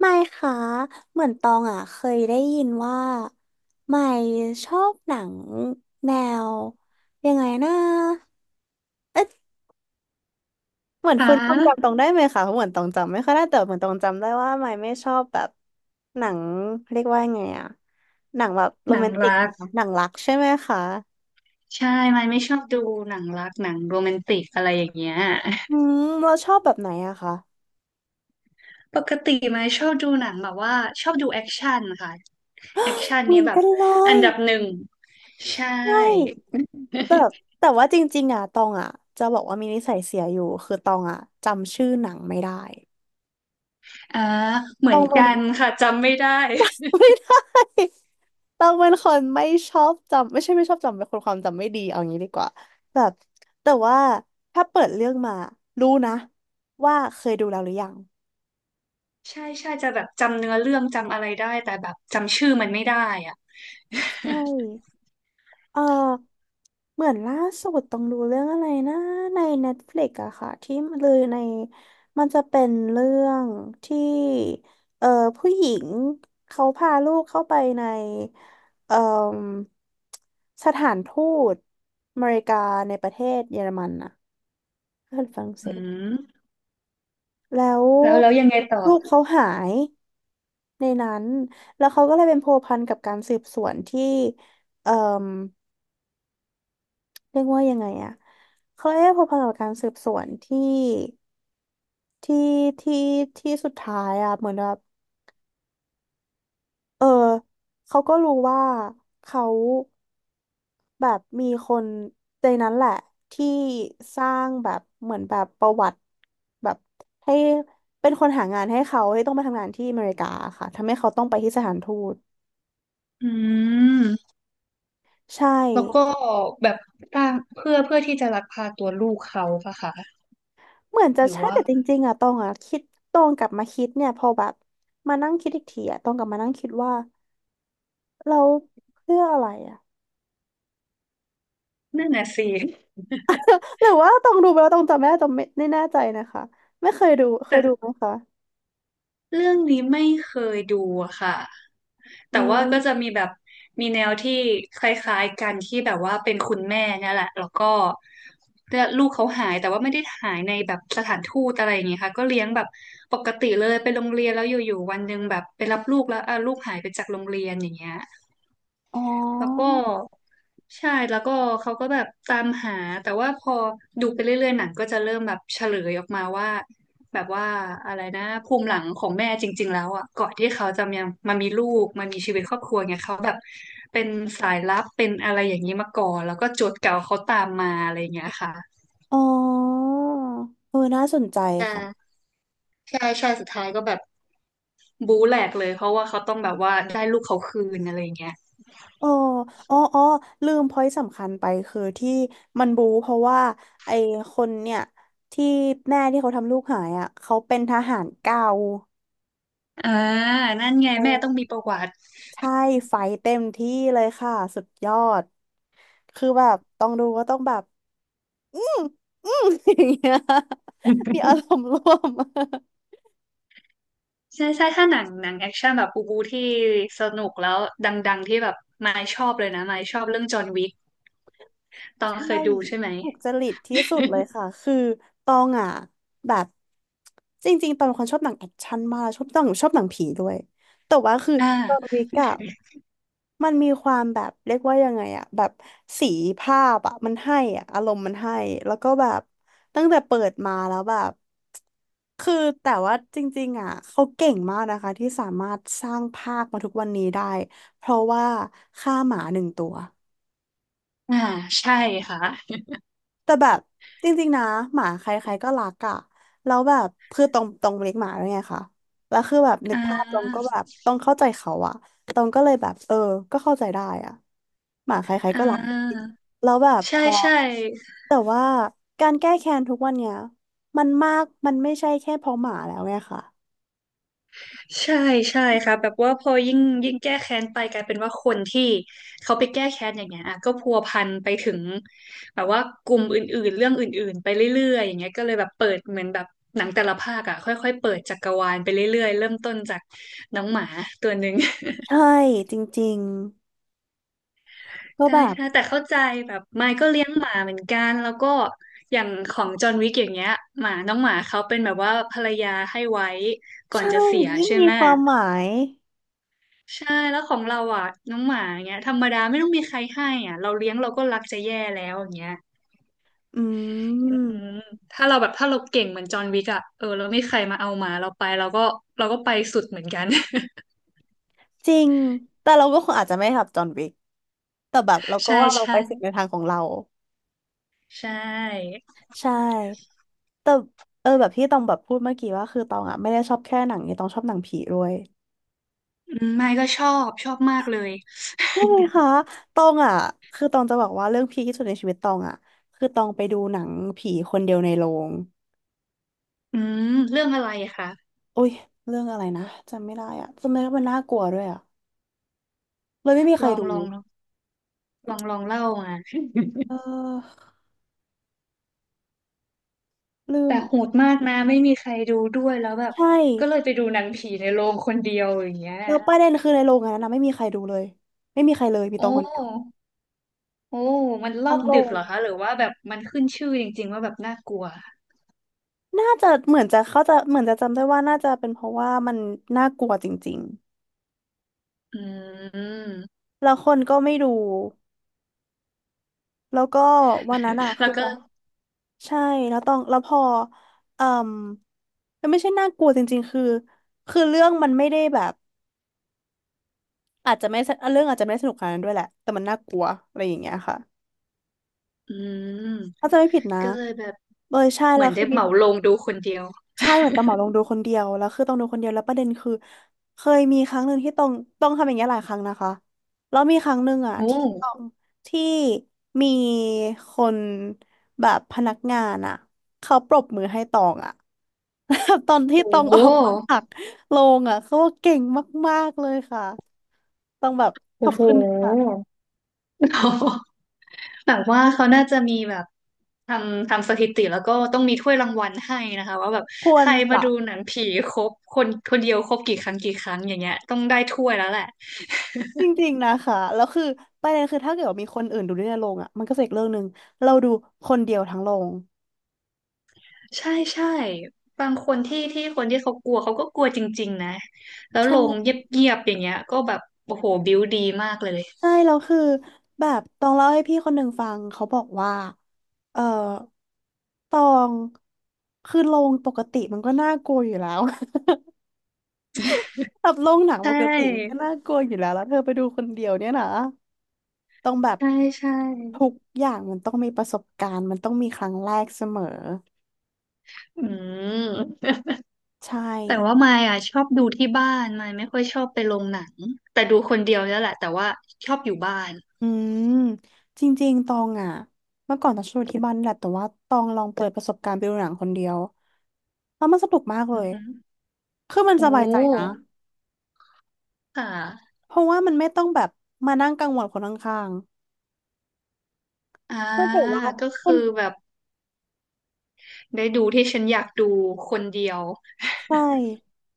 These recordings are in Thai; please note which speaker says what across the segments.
Speaker 1: ไม่ค่ะเหมือนตองอ่ะเคยได้ยินว่าไม่ชอบหนังแนวยังไงนะเหมือน
Speaker 2: คะ
Speaker 1: ฟื้นความจำตองได้ไหมคะเพราะเหมือนตองจำไม่ค่อยได้แต่เหมือนตองจำได้ว่าไม่ชอบแบบหนังเรียกว่าไงอ่ะหนังแบบโร
Speaker 2: หนั
Speaker 1: แม
Speaker 2: ง
Speaker 1: นติก
Speaker 2: รัก
Speaker 1: นะคะหนังรักใช่ไหมคะ
Speaker 2: ใช่ไม่ชอบดูหนังรักหนังโรแมนติกอะไรอย่างเงี้ย
Speaker 1: อืมเราชอบแบบไหนอะคะ
Speaker 2: ปกติไม่ชอบดูหนังแบบว่าชอบดูแอคชั่นค่ะแอคชั่น
Speaker 1: เห
Speaker 2: นี้
Speaker 1: มือน
Speaker 2: แบบ
Speaker 1: กันเล
Speaker 2: อัน
Speaker 1: ย
Speaker 2: ดับหนึ่งใช่
Speaker 1: ใช่แบบแต่ว่าจริงๆอ่ะตองอ่ะจะบอกว่ามีนิสัยเสียอยู่คือตองอ่ะจำชื่อหนังไม่ได้
Speaker 2: อ่าเห
Speaker 1: ต
Speaker 2: มือ
Speaker 1: อ
Speaker 2: น
Speaker 1: งเป็
Speaker 2: กั
Speaker 1: น
Speaker 2: นค่ะจำไม่ได้
Speaker 1: ไม่ได้ต้องเป็นคนไม่ชอบจำไม่ใช่ไม่ชอบจำเป็นคนความจำไม่ดีเอางี้ดีกว่าแบบแต่ว่าถ้าเปิดเรื่องมารู้นะว่าเคยดูแล้วหรือยัง
Speaker 2: ใช่ใช่จะแบบจำเนื้อเรื่องจำอะไรได้แต่แบบจำชื่อมันไม่ได้อ่ะ
Speaker 1: ใช่ เออเหมือนล่าสุดต้องดูเรื่องอะไรนะใน Netflix อะค่ะที่เลยในมันจะเป็นเรื่องที่เออผู้หญิงเขาพาลูกเข้าไปในเออสถานทูตอเมริกาในประเทศเยอรมันอะเพื่อนฝรั่งเศ
Speaker 2: อื
Speaker 1: ส
Speaker 2: ม
Speaker 1: แล้ว
Speaker 2: แล้วแล้วยังไงต่
Speaker 1: ลูก
Speaker 2: อ
Speaker 1: เขาหายในนั้นแล้วเขาก็เลยเป็นพัวพันกับการสืบสวนที่เอ่อ เรียกว่ายังไงอะเขาเอ๊พอพันกับการสืบสวนที่ที่ที่ที่สุดท้ายอะเหมือนแบบ เออเขาก็รู้ว่าเขาแบบมีคนในนั้นแหละที่สร้างแบบเหมือนแบบประวัติแบบให้เป็นคนหางานให้เขาให้ต้องมาทำงานที่อเมริกาค่ะทำให้เขาต้องไปที่สถานทูต
Speaker 2: อืม
Speaker 1: ใช่
Speaker 2: แล้วก็แบบสร้างเพื่อที่จะลักพาตัวลูกเขาปะคะ
Speaker 1: เหมือนจะ
Speaker 2: หรือ
Speaker 1: ใช่
Speaker 2: ว่า
Speaker 1: แต่จริงๆอะตองอะคิดตองกลับมาคิดเนี่ยพอแบบมานั่งคิดอีกทีอะตองกลับมานั่งคิดว่า เราเพื่ออะไรอ่ะ
Speaker 2: นั่นน่ะสิ
Speaker 1: หรือว่าต้องดูไปแล้วต้องจำไม่ได้ต้องไม่แน่ใจนะคะไม่เคยดูเคยดูไห
Speaker 2: แต่
Speaker 1: มคะ
Speaker 2: เรื่องนี้ไม่เคยดูอะค่ะ
Speaker 1: อื
Speaker 2: แต่ว่าก็จะ
Speaker 1: ม
Speaker 2: มีแบบมีแนวที่คล้ายๆกันที่แบบว่าเป็นคุณแม่เนี่ยแหละแล้วก็เนี่ยลูกเขาหายแต่ว่าไม่ได้หายในแบบสถานทูตอะไรอย่างเงี้ยค่ะก็เลี้ยงแบบปกติเลยไปโรงเรียนแล้วอยู่ๆวันหนึ่งแบบไปรับลูกแล้วอ่ะลูกหายไปจากโรงเรียนอย่างเงี้ย
Speaker 1: อ๋อ
Speaker 2: แล้วก็ใช่แล้วก็เขาก็แบบตามหาแต่ว่าพอดูไปเรื่อยๆหนังก็จะเริ่มแบบเฉลยออกมาว่าแบบว่าอะไรนะภูมิหลังของแม่จริงๆแล้วอ่ะก่อนที่เขาจะมามีลูกมามีชีวิตครอบครัวเนี่ยเขาแบบเป็นสายลับเป็นอะไรอย่างนี้มาก่อนแล้วก็โจทย์เก่าเขาตามมาอะไรอย่างเงี้ยค่ะ
Speaker 1: อ๋อเออน่าสนใจค่ะ
Speaker 2: บู๊แหลกเลยเพราะว่าเขาต้องแบบว่าได้ลูกเขาคืนอะไรอย่างเงี้ย
Speaker 1: อ๋ออ๋อลืมพอยต์สำคัญไปคือที่มันบู๊เพราะว่าไอ้คนเนี่ยที่แม่ที่เขาทำลูกหายอ่ะเขาเป็นทหารเก่า
Speaker 2: อ่านั่นไง
Speaker 1: เอ
Speaker 2: แม่ต้องมี
Speaker 1: อ
Speaker 2: ประวัติ
Speaker 1: ใช่ไฟเต็มที่เลยค่ะสุดยอดคือแบบต้องดูก็ต้องแบบ อืมอืม อย่างเงี้ยมีอารมณ์ร่วม
Speaker 2: ใช่ใช่ถ้าหนังแอคชั่นแบบบูที่สนุกแล้วดังๆที่แบบมายชอบเลยนะมายชอบเรื่องจอห์นวิกตอง
Speaker 1: ใช่
Speaker 2: เคยดูใช่ไหม
Speaker 1: ถูกจริตที่สุดเลยค่ะคือตองอ่ะแบบจริงๆตองเป็นคนชอบหนังแอคชั่นมากชอบตองชอบหนังผีด้วยแต่ว่าคือ
Speaker 2: อ่
Speaker 1: ตอน
Speaker 2: า
Speaker 1: วิกอะมันมีความแบบเรียกว่ายังไงอะแบบสีภาพอะมันให้อะอารมณ์มันให้แล้วก็แบบตั้งแต่เปิดมาแล้วแบบคือแต่ว่าจริงๆอ่ะเขาเก่งมากนะคะที่สามารถสร้างภาคมาทุกวันนี้ได้เพราะว่าฆ่าหมาหนึ่งตัว
Speaker 2: อ่าใช่ค่ะ
Speaker 1: แต่แบบจริงๆนะหมาใครๆก็รักอะแล้วแบบคือตรงเลี้ยงหมาด้วยไงคะแล้วคือแบบนึก
Speaker 2: อ่า
Speaker 1: ภาพตรงก็แบบต้องเข้าใจเขาอะตรงก็เลยแบบเออก็เข้าใจได้อะหมาใคร
Speaker 2: อ่
Speaker 1: ๆก็รักจริง
Speaker 2: า
Speaker 1: ๆแล้วแบบพ
Speaker 2: ใช่
Speaker 1: อ
Speaker 2: ใช่
Speaker 1: แต่ว่าการแก้แค้นทุกวันเนี้ยมันมากมันไม่ใช่แค่เพราะหมาแล้วไงค่ะ
Speaker 2: ใช่ใช่ค่ะแบบว่าพอยิ่งแก้แค้นไปกลายเป็นว่าคนที่เขาไปแก้แค้นอย่างเงี้ยอ่ะก็พัวพันไปถึงแบบว่ากลุ่มอื่นๆเรื่องอื่นๆไปเรื่อยๆอย่างเงี้ยก็เลยแบบเปิดเหมือนแบบหนังแต่ละภาคอ่ะค่อยๆเปิดจักรวาลไปเรื่อยๆเริ่มต้นจากน้องหมาตัวหนึ่ง
Speaker 1: ใช่จริงๆก็ แบ
Speaker 2: ได้
Speaker 1: บ
Speaker 2: ค่ะแต่เข้าใจแบบไมค์ก็เลี้ยงหมาเหมือนกันแล้วก็อย่างของจอห์นวิกอย่างเงี้ยหมาน้องหมาเขาเป็นแบบว่าภรรยาให้ไว้ก่อ
Speaker 1: ใช่
Speaker 2: นจะเสีย
Speaker 1: ยิ่ง
Speaker 2: ใช่
Speaker 1: มี
Speaker 2: ไหม
Speaker 1: ความหมาย
Speaker 2: ใช่แล้วของเราอ่ะน้องหมาเงี้ยธรรมดาไม่ต้องมีใครให้อ่ะเราเลี้ยงเราก็รักจะแย่แล้วอย่างเงี้ย
Speaker 1: อื
Speaker 2: อื
Speaker 1: ม
Speaker 2: มถ้าเราเก่งเหมือนจอห์นวิกอ่ะเออเราไม่มีใครมาเอาหมาเราไปเราก็ไปสุดเหมือนกัน
Speaker 1: จริงแต่เราก็คงอาจจะไม่ทำจอห์นวิก แต่แบบเรา ก็
Speaker 2: ใช่
Speaker 1: ว่าเราไป
Speaker 2: ใช่
Speaker 1: สุดในทางของเรา
Speaker 2: ใช่
Speaker 1: ใช่แต่เออแบบที่ตองแบบพูดเมื่อกี้ว่าคือตองอ่ะไม่ได้ชอบแค่หนังนี้ตองชอบหนังผีด้วย
Speaker 2: ไม่ก็ชอบชอบมากเลย
Speaker 1: ใช่ไหมคะตองอ่ะคือตองจะบอกว่าเรื่องพีคที่สุดในชีวิตตองอ่ะคือตองไปดูหนังผีคนเดียวในโรง
Speaker 2: อืมเรื่องอะไรอะคะ
Speaker 1: อุ้ยเรื่องอะไรนะจำไม่ได้อ่ะจำไม่ได้ว่ามันน่ากลัวด้วยอ่ะเลยไม่มีใค
Speaker 2: ล
Speaker 1: ร
Speaker 2: อง
Speaker 1: ดู
Speaker 2: ลองลลองเล่ามา
Speaker 1: เ ออลืม
Speaker 2: แต่โหดมากนะไม่มีใครดูด้วยแล้วแบบ
Speaker 1: ใช่
Speaker 2: ก็เลยไปดูหนังผีในโรงคนเดียวอย่างเงี้ย
Speaker 1: แล้วประเด็นคือในโรงอันนั้นนะไม่มีใครดูเลยไม่มีใครเลยมี
Speaker 2: โอ้
Speaker 1: ตองคนเดียว
Speaker 2: โอ้มันรอ
Speaker 1: ทั้ง
Speaker 2: บ
Speaker 1: โร
Speaker 2: ดึ
Speaker 1: ง
Speaker 2: กเหรอคะหรือว่าแบบมันขึ้นชื่อจริงๆว่าแบบน่ากลัว
Speaker 1: น่าจะเหมือนจะเขาจะเหมือนจะจำได้ว่าน่าจะเป็นเพราะว่ามันน่ากลัวจริง
Speaker 2: อืม
Speaker 1: ๆแล้วคนก็ไม่ดูแล้วก็วันนั้นอะ
Speaker 2: แล้
Speaker 1: คื
Speaker 2: ว
Speaker 1: อ
Speaker 2: ก็
Speaker 1: เราใช่แล้วต้องแล้วพอเอ่มมันไม่ใช่น่ากลัวจริงๆคือคือเรื่องมันไม่ได้แบบอาจจะไม่เรื่องอาจจะไม่ได้สนุกขนาดนั้นด้วยแหละแต่มันน่ากลัวอะไรอย่างเงี้ยค่ะ
Speaker 2: อืม
Speaker 1: ถ้าจะไม่ผิดนะ
Speaker 2: ก็เลยแบบ
Speaker 1: เออใช่
Speaker 2: เห
Speaker 1: แล้
Speaker 2: มื
Speaker 1: ว
Speaker 2: อนได้
Speaker 1: คือ
Speaker 2: เห
Speaker 1: มี
Speaker 2: มาลงดูคนเดียว
Speaker 1: ใช่เหมือนตองเหมาลงดูคนเดียวแล้วคือต้องดูคนเดียวแล้วประเด็นคือเคยมีครั้งหนึ่งที่ต้องทำอย่างเงี้ยหลายครั้งนะคะแล้วมีครั้งหนึ่งอ่ะ
Speaker 2: โอ้
Speaker 1: ที่
Speaker 2: โห
Speaker 1: ต้องที่มีคนแบบพนักงานอ่ะเขาปรบมือให้ตองอ่ะ ตอนที่ตองออก
Speaker 2: โ
Speaker 1: มาจากโรงอ่ะเขาว่าเก่งมากๆเลยค่ะต้องแบบข
Speaker 2: อ้
Speaker 1: อบ
Speaker 2: โห
Speaker 1: คุณค่ะ
Speaker 2: แบบว่าเขาน่าจะมีแบบทำสถิติแล้วก็ต้องมีถ้วยรางวัลให้นะคะว่าแบบ
Speaker 1: คว
Speaker 2: ใค
Speaker 1: ร
Speaker 2: รมา
Speaker 1: จะ
Speaker 2: ดูหนังผีครบคนคนเดียวครบกี่ครั้งอย่างเงี้ยต้องได้ถ้วยแล้วแหละ
Speaker 1: จริงๆนะคะแล้วคือประเด็นคือถ้าเกิดว่ามีคนอื่นดูด้วยในโรงอ่ะมันก็จะอีกเรื่องหนึ่งเราดูคนเดียวทั้งโรง
Speaker 2: ใช่ใช่บางคนที่คนที่เขากลัวเขาก็กลัวจริงๆนะแล้ว
Speaker 1: ใช่
Speaker 2: ลงเงียบๆอย่างเงี้ยก็แบบโอ้โหบิวดีมากเลย
Speaker 1: ใช่แล้วคือแบบตองเล่าให้พี่คนหนึ่งฟังเขาบอกว่าเออตองคือโรงปกติมันก็น่ากลัวอยู่แล้ว แบบโรงหนัง
Speaker 2: ใช
Speaker 1: ปกติมันก็
Speaker 2: ่
Speaker 1: น่ากลัวอยู่แล้วแล้วเธอไปดูคนเดียวเนี่ยนะต้องแบบ
Speaker 2: ใช่ใช่
Speaker 1: ทุกอย่างมันต้องมีประสบการณ์มันต้องมีครั้งแรกเสมอ
Speaker 2: อืม
Speaker 1: ใช่
Speaker 2: แต่ว่ามายอ่ะชอบดูที่บ้านมายไม่ค่อยชอบไปโรงหนังแต่ดูคนเดียวแล้วแหละแต่ว่าชอบอยู่บ้าน
Speaker 1: อืมจริงๆตองอ่ะเมื่อก่อนตองชอบดูที่บ้านนี่แหละแต่ว่าตองลองเปิดประสบการณ์ไปดูหนังคนเดียวแล้วมันสนุกมากเล
Speaker 2: อือ
Speaker 1: ย
Speaker 2: ฮึ
Speaker 1: คือมัน
Speaker 2: โอ
Speaker 1: สบายใจนะ
Speaker 2: ้ค่ะ
Speaker 1: เพราะว่ามันไม่ต้องแบบมานั่งกังวลคนข้าง
Speaker 2: อ่า
Speaker 1: ๆไม่ถือว่า
Speaker 2: ก็
Speaker 1: คุ
Speaker 2: คือ
Speaker 1: ณ
Speaker 2: แบบได้ดูที่ฉันอยากดูคนเดียว
Speaker 1: ใช่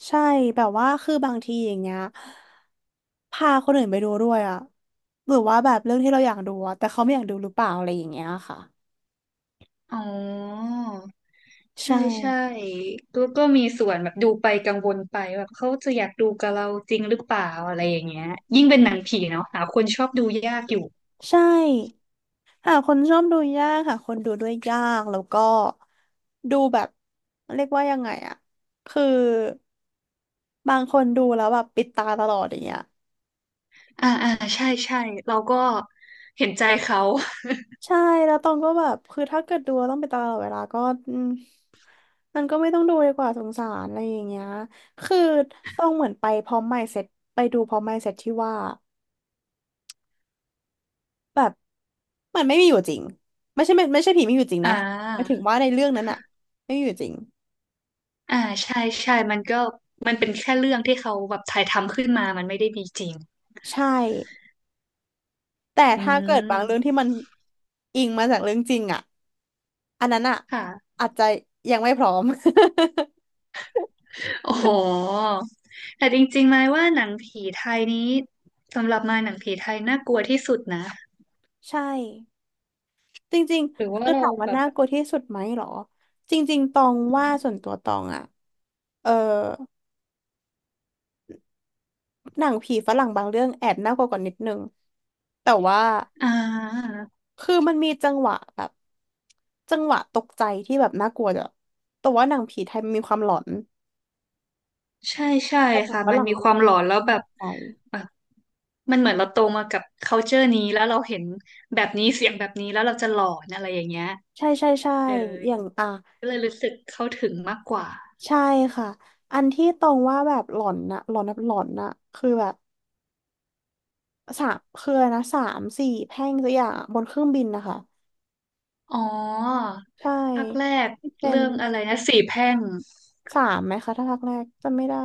Speaker 1: ใช่แบบว่าคือบางทีอย่างเงี้ยพาคนอื่นไปดูด้วยอะหรือว่าแบบเรื่องที่เราอยากดูอะแต่เขาไม่อยากดูหรือเปล่าอะไรอย่างเงี้ยค่ะ
Speaker 2: อ๋อ ใช่
Speaker 1: ใช่
Speaker 2: ใช่แล้วก็มีส่วนแบบดูไปกังวลไปแบบเขาจะอยากดูกับเราจริงหรือเปล่าอะไรอย่างเงี้ยยิ่งเป็นหนังผีเนาะหาคนชอบดูยากอยู่
Speaker 1: ใช่หาคนชอบดูยากหาคนดูด้วยยากแล้วก็ดูแบบเรียกว่ายังไงอะคือบางคนดูแล้วแบบปิดตาตลอดอย่างเงี้ย
Speaker 2: อ่าอ่าใช่ใช่เราก็เห็นใจเขา
Speaker 1: ใช่แล้วตองก็แบบคือถ้าเกิดดูแล้วต้องไปตลอดเวลาก็อืมมันก็ไม่ต้องดูดีกว่าสงสารอะไรอย่างเงี้ยคือต้องเหมือนไปพร้อม mindset ไปดูพร้อม mindset ที่ว่าแบบมันไม่มีอยู่จริงไม่ใช่ไม่ใช่ผีไม่มีอยู่จริง
Speaker 2: อ่
Speaker 1: นะหมายถึ
Speaker 2: า
Speaker 1: งว่าในเรื่องนั้นอะไม่มีอยู่จริง
Speaker 2: อ่าใช่ใช่มันก็มันเป็นแค่เรื่องที่เขาแบบถ่ายทำขึ้นมามันไม่ได้มีจริง
Speaker 1: ใช่แต่
Speaker 2: อื
Speaker 1: ถ้าเกิดบางเรื่อง
Speaker 2: ม
Speaker 1: ที่มันอิงมาจากเรื่องจริงอะอันนั้นอะ
Speaker 2: ค่ะ
Speaker 1: อาจจะยังไม่พร้อม
Speaker 2: โอ้โหแต่จริงๆไหมายว่าหนังผีไทยนี้สำหรับมายหนังผีไทยน่ากลัวที่สุดนะ
Speaker 1: ใช่ จริง
Speaker 2: หรือ
Speaker 1: ๆ
Speaker 2: ว่า
Speaker 1: คือ
Speaker 2: เรา
Speaker 1: ถามว่า
Speaker 2: แบบ
Speaker 1: น่ากลัวที่สุดไหมเหรอ จริงๆ ตองว่าส่วนตัวตองอะเออหนังผีฝรั่งบางเรื่องแอบน่ากลัวกว่านิดนึงแต่ว่า
Speaker 2: อ่า
Speaker 1: คือมันมีจังหวะแบบ จังหวะตกใจที่แบบน่ากลัวจ้ะแต่ว่าหนังผีไทยมันมีความหลอน
Speaker 2: ใช่ใช่
Speaker 1: แต่หนัง
Speaker 2: ค่ะ
Speaker 1: ฝ
Speaker 2: มัน
Speaker 1: รั่ง
Speaker 2: มี
Speaker 1: มั
Speaker 2: ค
Speaker 1: น
Speaker 2: วาม
Speaker 1: มี
Speaker 2: หล
Speaker 1: ค
Speaker 2: อ
Speaker 1: วา
Speaker 2: น
Speaker 1: ม
Speaker 2: แล้วแบ
Speaker 1: ต
Speaker 2: บ
Speaker 1: กใจ
Speaker 2: แบบมันเหมือนเราโตมากับ culture นี้แล้วเราเห็นแบบนี้เสียงแบบนี้แล้วเราจะหลอนอะไรอย่างเงี้ย
Speaker 1: ใช่ใช่ใช่
Speaker 2: เออ
Speaker 1: อย่างอ่ะ
Speaker 2: ก็เลยรู้สึกเข้าถึงมากกว่า
Speaker 1: ใช่ค่ะ อันที่ตรงว่าแบบหลอนน่ะ หลอนแบบหลอนน่ะคือแบบสามคืออะไรนะสามสี่แพร่งสักอย่างอะบนเครื่องบินนะคะ
Speaker 2: อ๋อ
Speaker 1: ใช่
Speaker 2: ภาคแรก
Speaker 1: ที่เป็น
Speaker 2: เรื่องอะไรนะสี่แพร่ง
Speaker 1: สามไหมคะถ้าภาคแรกจำไม่ได้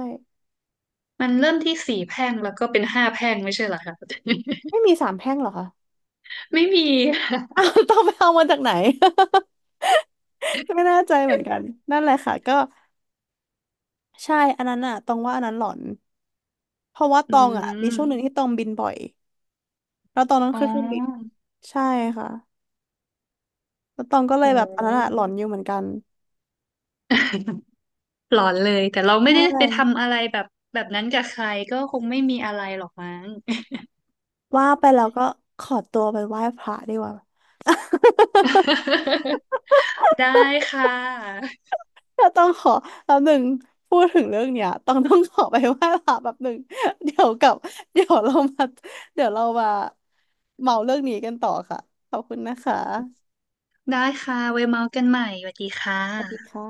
Speaker 2: มันเริ่มที่สี่แพร่งแล้วก็เป็นห้าแพร่งไม่ใช่เหรอคะ
Speaker 1: ไม่มีสามแพร่งเหรอคะ
Speaker 2: ไม่มี
Speaker 1: อ้าวต้องไปเอามาจากไหน ไม่แน่ใจเหมือนกันนั่นแหละค่ะก็ใช่อันนั้นอะตองว่าอันนั้นหลอนเพราะว่าต
Speaker 2: อื
Speaker 1: องอะมีช่วงหนึ่ง
Speaker 2: ม
Speaker 1: ที่ตองบินบ่อยแล้วตองต้อง
Speaker 2: อ๋อ
Speaker 1: ขึ้นเครื่องบินใช่ค่ะแล้วตองก็เล
Speaker 2: โ
Speaker 1: ยแบบอันนั้นอะ
Speaker 2: ห
Speaker 1: หลอนอยู่เหมือนกัน
Speaker 2: หลอนเลยแต่เรา
Speaker 1: ใช
Speaker 2: ไม่ได้ไป
Speaker 1: ่
Speaker 2: ทำอะไรแบบแบบนั้นกับใครก็คงไม่มีอะไรหรอกมั้ง
Speaker 1: ว่าไปแล้วก็ขอตัวไปไหว้พระดีกว่า
Speaker 2: ได้ค่ะ
Speaker 1: เราต้องขอแป๊บหนึ่งพูดถึงเรื่องเนี้ยต้องขอไปไหว้พระแป๊บหนึ่ง เดี๋ยวกลับเดี๋ยวเรามาเดี๋ยวเรามาเมาเรื่องนี้กันต่อค่ะขอบคุณนะคะ
Speaker 2: ได้ค่ะไว้เมาส์กันใหม่สวัสดีค่
Speaker 1: สวัสดี
Speaker 2: ะ
Speaker 1: ค่ะ